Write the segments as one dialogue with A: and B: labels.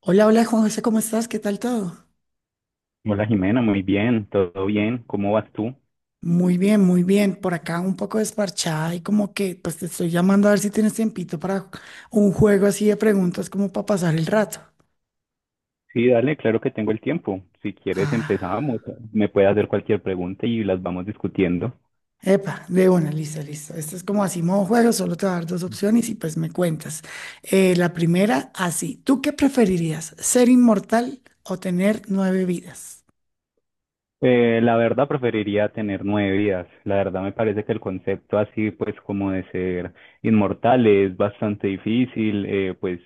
A: Hola, hola Juan José, ¿cómo estás? ¿Qué tal todo?
B: Hola Jimena, muy bien, todo bien, ¿cómo vas tú?
A: Muy bien, muy bien. Por acá un poco desparchada y como que pues te estoy llamando a ver si tienes tiempito para un juego así de preguntas como para pasar el rato.
B: Sí, dale, claro que tengo el tiempo. Si quieres
A: Ah,
B: empezamos, me puedes hacer cualquier pregunta y las vamos discutiendo.
A: epa, de una, listo, listo. Esto es como así modo juego, solo te voy a dar dos opciones y pues me cuentas. La primera, así. ¿Tú qué preferirías? ¿Ser inmortal o tener nueve vidas?
B: La verdad preferiría tener nueve vidas. La verdad me parece que el concepto así, pues como de ser inmortal es bastante difícil, pues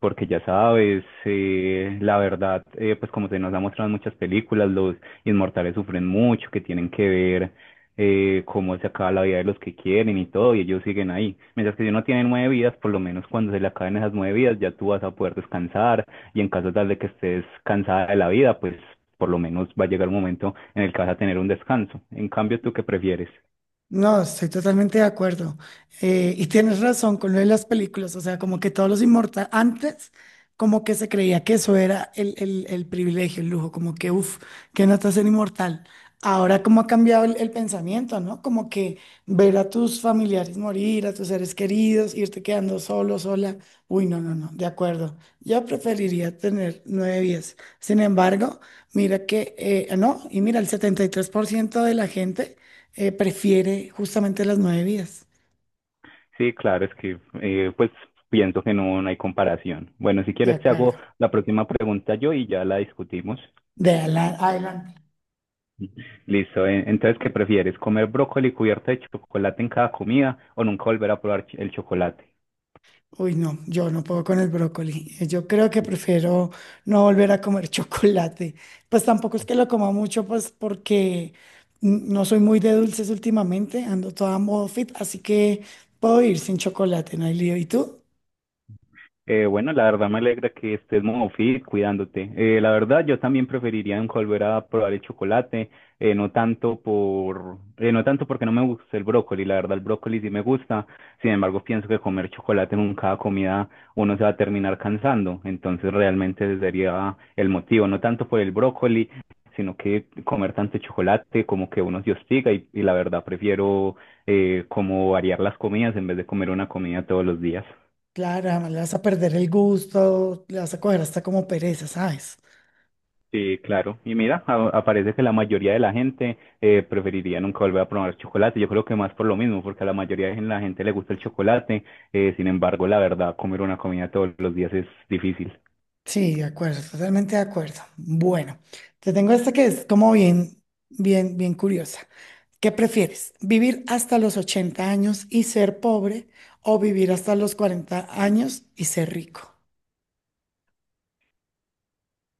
B: porque ya sabes, la verdad, pues como se nos ha mostrado en muchas películas, los inmortales sufren mucho, que tienen que ver cómo se acaba la vida de los que quieren y todo, y ellos siguen ahí. Mientras que si uno tiene nueve vidas, por lo menos cuando se le acaben esas nueve vidas, ya tú vas a poder descansar y en caso tal de que estés cansada de la vida, pues por lo menos va a llegar un momento en el que vas a tener un descanso. En cambio, ¿tú qué prefieres?
A: No, estoy totalmente de acuerdo. Y tienes razón con lo de las películas, o sea, como que todos los inmortales, antes como que se creía que eso era el privilegio, el lujo, como que, uff, qué nota ser inmortal. Ahora como ha cambiado el pensamiento, ¿no? Como que ver a tus familiares morir, a tus seres queridos, irte quedando solo, sola. Uy, no, no, no, de acuerdo. Yo preferiría tener nueve vidas. Sin embargo, mira que, no, y mira, el 73% de la gente prefiere justamente las nueve vidas.
B: Sí, claro, es que pues pienso que no, no hay comparación. Bueno, si
A: De
B: quieres te
A: acuerdo.
B: hago la próxima pregunta yo y ya la discutimos.
A: Adelante.
B: Listo, entonces, ¿qué prefieres? ¿Comer brócoli cubierto de chocolate en cada comida o nunca volver a probar el chocolate?
A: Uy, no, yo no puedo con el brócoli. Yo creo que prefiero no volver a comer chocolate. Pues tampoco es que lo coma mucho, pues porque no soy muy de dulces últimamente, ando toda modo fit, así que puedo ir sin chocolate, no hay lío. ¿Y tú?
B: Bueno, la verdad me alegra que estés muy fit cuidándote. La verdad, yo también preferiría en volver a probar el chocolate, no tanto por, no tanto porque no me gusta el brócoli. La verdad, el brócoli sí me gusta. Sin embargo, pienso que comer chocolate en cada comida uno se va a terminar cansando. Entonces, realmente ese sería el motivo, no tanto por el brócoli, sino que comer tanto chocolate como que uno se hostiga y la verdad prefiero como variar las comidas en vez de comer una comida todos los días.
A: Claro, además le vas a perder el gusto, le vas a coger hasta como pereza, ¿sabes?
B: Sí, claro. Y mira, aparece que la mayoría de la gente preferiría nunca volver a probar chocolate. Yo creo que más por lo mismo, porque a la mayoría de la gente le gusta el chocolate. Sin embargo, la verdad, comer una comida todos los días es difícil.
A: Sí, de acuerdo, totalmente de acuerdo. Bueno, te tengo esta que es como bien, bien, bien curiosa. ¿Qué prefieres? ¿Vivir hasta los 80 años y ser pobre o vivir hasta los 40 años y ser rico?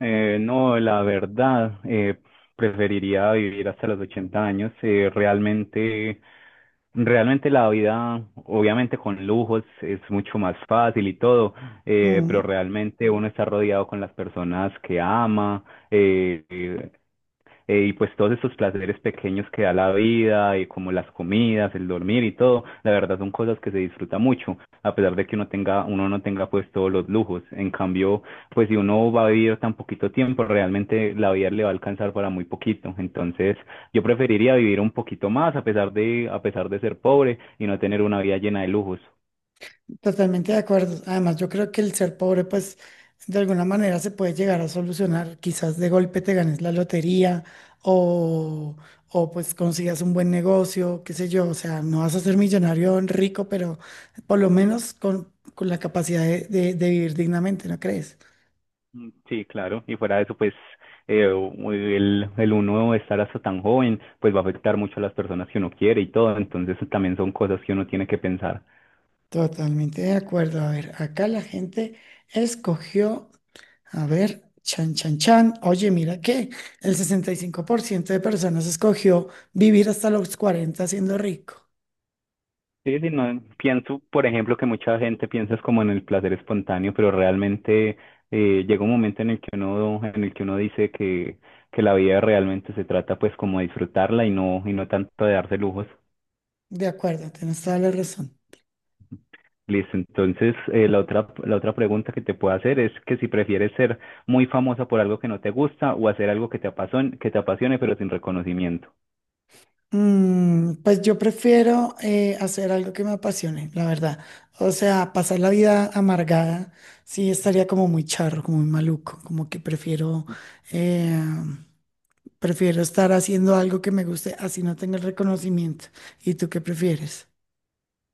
B: No, la verdad, preferiría vivir hasta los 80 años. Realmente, realmente la vida, obviamente con lujos, es mucho más fácil y todo, pero realmente uno está rodeado con las personas que ama. Eh, eh, y pues todos estos placeres pequeños que da la vida, y como las comidas, el dormir y todo, la verdad son cosas que se disfruta mucho, a pesar de que uno tenga, uno no tenga pues todos los lujos. En cambio, pues si uno va a vivir tan poquito tiempo, realmente la vida le va a alcanzar para muy poquito. Entonces, yo preferiría vivir un poquito más a pesar de ser pobre y no tener una vida llena de lujos.
A: Totalmente de acuerdo. Además, yo creo que el ser pobre, pues, de alguna manera se puede llegar a solucionar. Quizás de golpe te ganes la lotería o, o pues consigas un buen negocio, qué sé yo. O sea, no vas a ser millonario rico, pero por lo menos con la capacidad de vivir dignamente, ¿no crees?
B: Mm, sí, claro, y fuera de eso, pues el uno estar hasta tan joven, pues va a afectar mucho a las personas que uno quiere y todo, entonces también son cosas que uno tiene que pensar.
A: Totalmente de acuerdo. A ver, acá la gente escogió, a ver, chan, chan, chan. Oye, mira que el 65% de personas escogió vivir hasta los 40 siendo rico.
B: Sí, sí, no, pienso, por ejemplo, que mucha gente piensa es como en el placer espontáneo, pero realmente llega un momento en el que uno, en el que uno dice que la vida realmente se trata pues como de disfrutarla y no tanto de darse lujos.
A: De acuerdo, tienes toda la razón.
B: Listo, entonces la otra pregunta que te puedo hacer es que si prefieres ser muy famosa por algo que no te gusta o hacer algo que te apasione pero sin reconocimiento.
A: Pues yo prefiero hacer algo que me apasione, la verdad. O sea, pasar la vida amargada, sí estaría como muy charro, como muy maluco, como que eh, Prefiero estar haciendo algo que me guste, así no tenga el reconocimiento. ¿Y tú qué prefieres?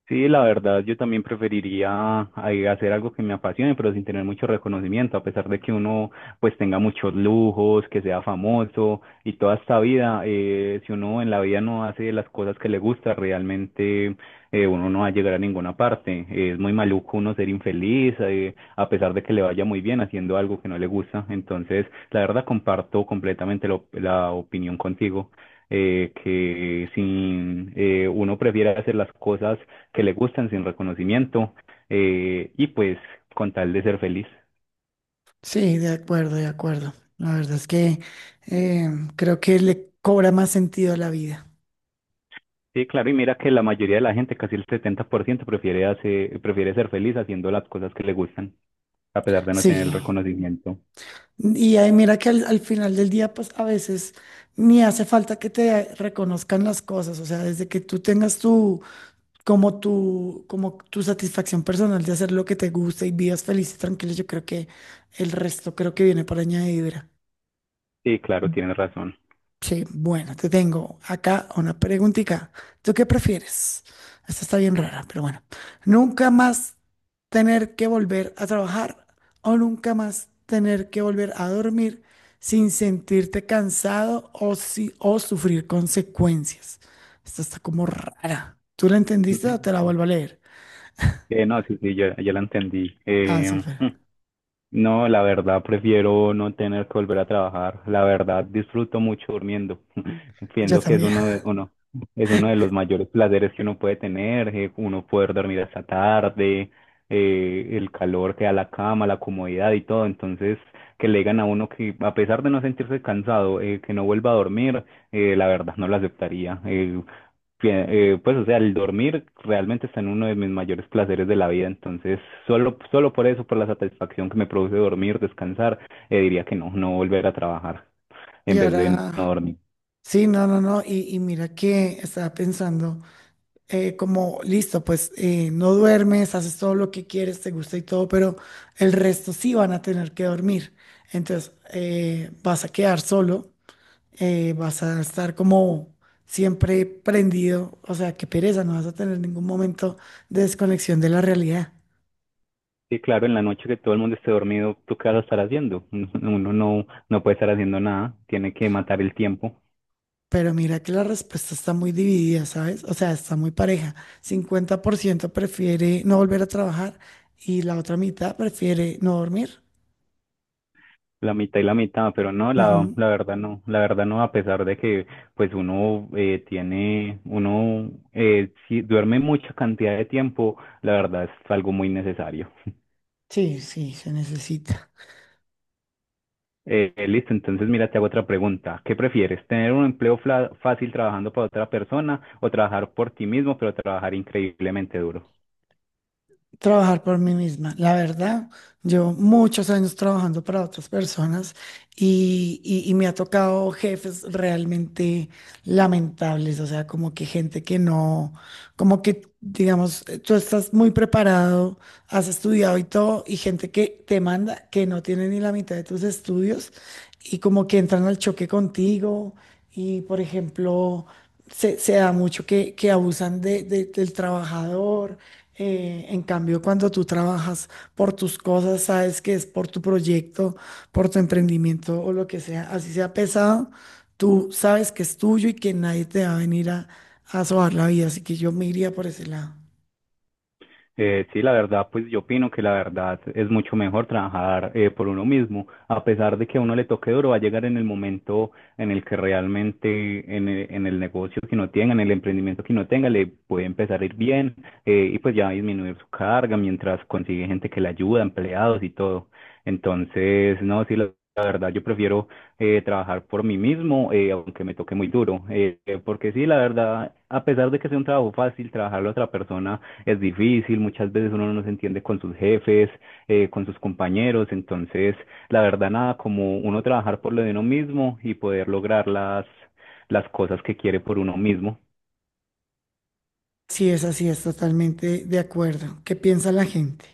B: Sí, la verdad, yo también preferiría ay, hacer algo que me apasione, pero sin tener mucho reconocimiento, a pesar de que uno pues tenga muchos lujos, que sea famoso y toda esta vida, si uno en la vida no hace las cosas que le gusta, realmente uno no va a llegar a ninguna parte. Es muy maluco uno ser infeliz, a pesar de que le vaya muy bien haciendo algo que no le gusta. Entonces, la verdad, comparto completamente la la opinión contigo. Que si uno prefiere hacer las cosas que le gustan sin reconocimiento y pues con tal de ser feliz.
A: Sí, de acuerdo, de acuerdo. La verdad es que eh, creo que le cobra más sentido a la vida.
B: Sí, claro, y mira que la mayoría de la gente, casi el 70%, prefiere, prefiere ser feliz haciendo las cosas que le gustan, a pesar de no tener
A: Sí.
B: el reconocimiento.
A: Y ahí mira que al final del día, pues a veces ni hace falta que te reconozcan las cosas. O sea, desde que tú tengas tu satisfacción personal de hacer lo que te gusta y vivas feliz y tranquilo, yo creo que el resto creo que viene por añadidura.
B: Sí, claro, tienes razón.
A: Sí, bueno, te tengo acá una preguntita. ¿Tú qué prefieres? Esta está bien rara, pero bueno. ¿Nunca más tener que volver a trabajar o nunca más tener que volver a dormir sin sentirte cansado o, si, o sufrir consecuencias? Esta está como rara. ¿Tú la entendiste o te la vuelvo a leer?
B: No, sí, sí, ya, ya la entendí.
A: Ah, súper.
B: No, la verdad prefiero no tener que volver a trabajar. La verdad disfruto mucho durmiendo.
A: Yo
B: Pienso que es
A: también.
B: uno de, uno, es uno de los mayores placeres que uno puede tener, uno poder dormir hasta tarde, el calor que da la cama, la comodidad y todo. Entonces, que le digan a uno que a pesar de no sentirse cansado, que no vuelva a dormir, la verdad no lo aceptaría. Pues, o sea, el dormir realmente está en uno de mis mayores placeres de la vida, entonces solo, solo por eso, por la satisfacción que me produce dormir, descansar, diría que no, no volver a trabajar
A: Y
B: en vez de no
A: ahora,
B: dormir.
A: sí, no, no, no. Y mira que estaba pensando. Como listo, pues no duermes, haces todo lo que quieres, te gusta y todo, pero el resto sí van a tener que dormir. Entonces vas a quedar solo, vas a estar como siempre prendido, o sea, qué pereza, no vas a tener ningún momento de desconexión de la realidad.
B: Sí, claro, en la noche que todo el mundo esté dormido, ¿tú qué vas a estar haciendo? Uno no, no puede estar haciendo nada, tiene que matar el tiempo.
A: Pero mira que la respuesta está muy dividida, ¿sabes? O sea, está muy pareja. 50% prefiere no volver a trabajar y la otra mitad prefiere no dormir.
B: La mitad y la mitad, pero no, la,
A: Ujú.
B: la verdad no, a pesar de que pues uno si duerme mucha cantidad de tiempo, la verdad es algo muy necesario.
A: Sí, sí, se necesita
B: Listo, entonces mira, te hago otra pregunta. ¿Qué prefieres, tener un empleo fácil trabajando para otra persona o trabajar por ti mismo, pero trabajar increíblemente duro?
A: trabajar por mí misma. La verdad, llevo muchos años trabajando para otras personas y me ha tocado jefes realmente lamentables, o sea, como que gente que no, como que, digamos, tú estás muy preparado, has estudiado y todo, y gente que te manda que no tiene ni la mitad de tus estudios y como que entran al choque contigo y, por ejemplo, se da mucho que abusan del trabajador. En cambio, cuando tú trabajas por tus cosas, sabes que es por tu proyecto, por tu emprendimiento o lo que sea, así sea pesado, tú sabes que es tuyo y que nadie te va a venir a sobar la vida, así que yo me iría por ese lado.
B: Sí, la verdad, pues yo opino que la verdad es mucho mejor trabajar por uno mismo, a pesar de que a uno le toque duro, va a llegar en el momento en el que realmente en el negocio que uno tenga, en el emprendimiento que uno tenga, le puede empezar a ir bien y pues ya va a disminuir su carga mientras consigue gente que le ayuda, empleados y todo. Entonces, no, sí, la verdad, yo prefiero trabajar por mí mismo, aunque me toque muy duro, porque sí, la verdad, a pesar de que sea un trabajo fácil, trabajarle a otra persona es difícil, muchas veces uno no se entiende con sus jefes, con sus compañeros, entonces la verdad nada como uno trabajar por lo de uno mismo y poder lograr las cosas que quiere por uno mismo.
A: Sí, es así, es totalmente de acuerdo. ¿Qué piensa la gente?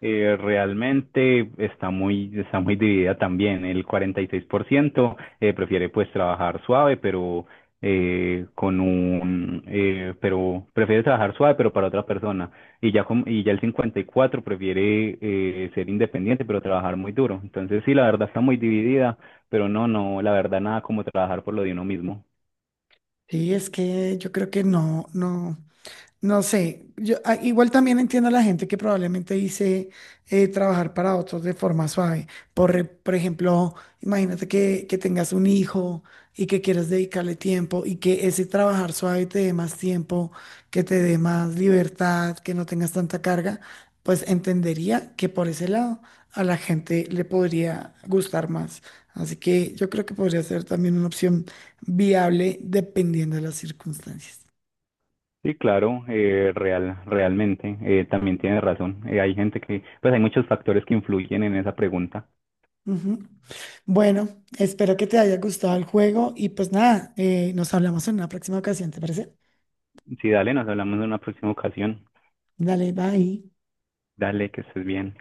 B: Realmente está muy dividida también. El 46% prefiere pues trabajar suave, pero pero prefiere trabajar suave, pero para otra persona. Y ya, y ya el 54 prefiere ser independiente, pero trabajar muy duro. Entonces sí, la verdad está muy dividida, pero no, no, la verdad nada como trabajar por lo de uno mismo.
A: Sí, es que yo creo que no, no. No sé, yo igual también entiendo a la gente que probablemente dice trabajar para otros de forma suave. Por ejemplo, imagínate que tengas un hijo y que quieras dedicarle tiempo y que ese trabajar suave te dé más tiempo, que te dé más libertad, que no tengas tanta carga, pues entendería que por ese lado a la gente le podría gustar más. Así que yo creo que podría ser también una opción viable dependiendo de las circunstancias.
B: Sí, claro, real, realmente, también tiene razón. Hay gente que, pues hay muchos factores que influyen en esa pregunta.
A: Bueno, espero que te haya gustado el juego y pues nada, nos hablamos en una próxima ocasión, ¿te parece?
B: Sí, dale, nos hablamos en una próxima ocasión.
A: Dale, bye.
B: Dale, que estés bien.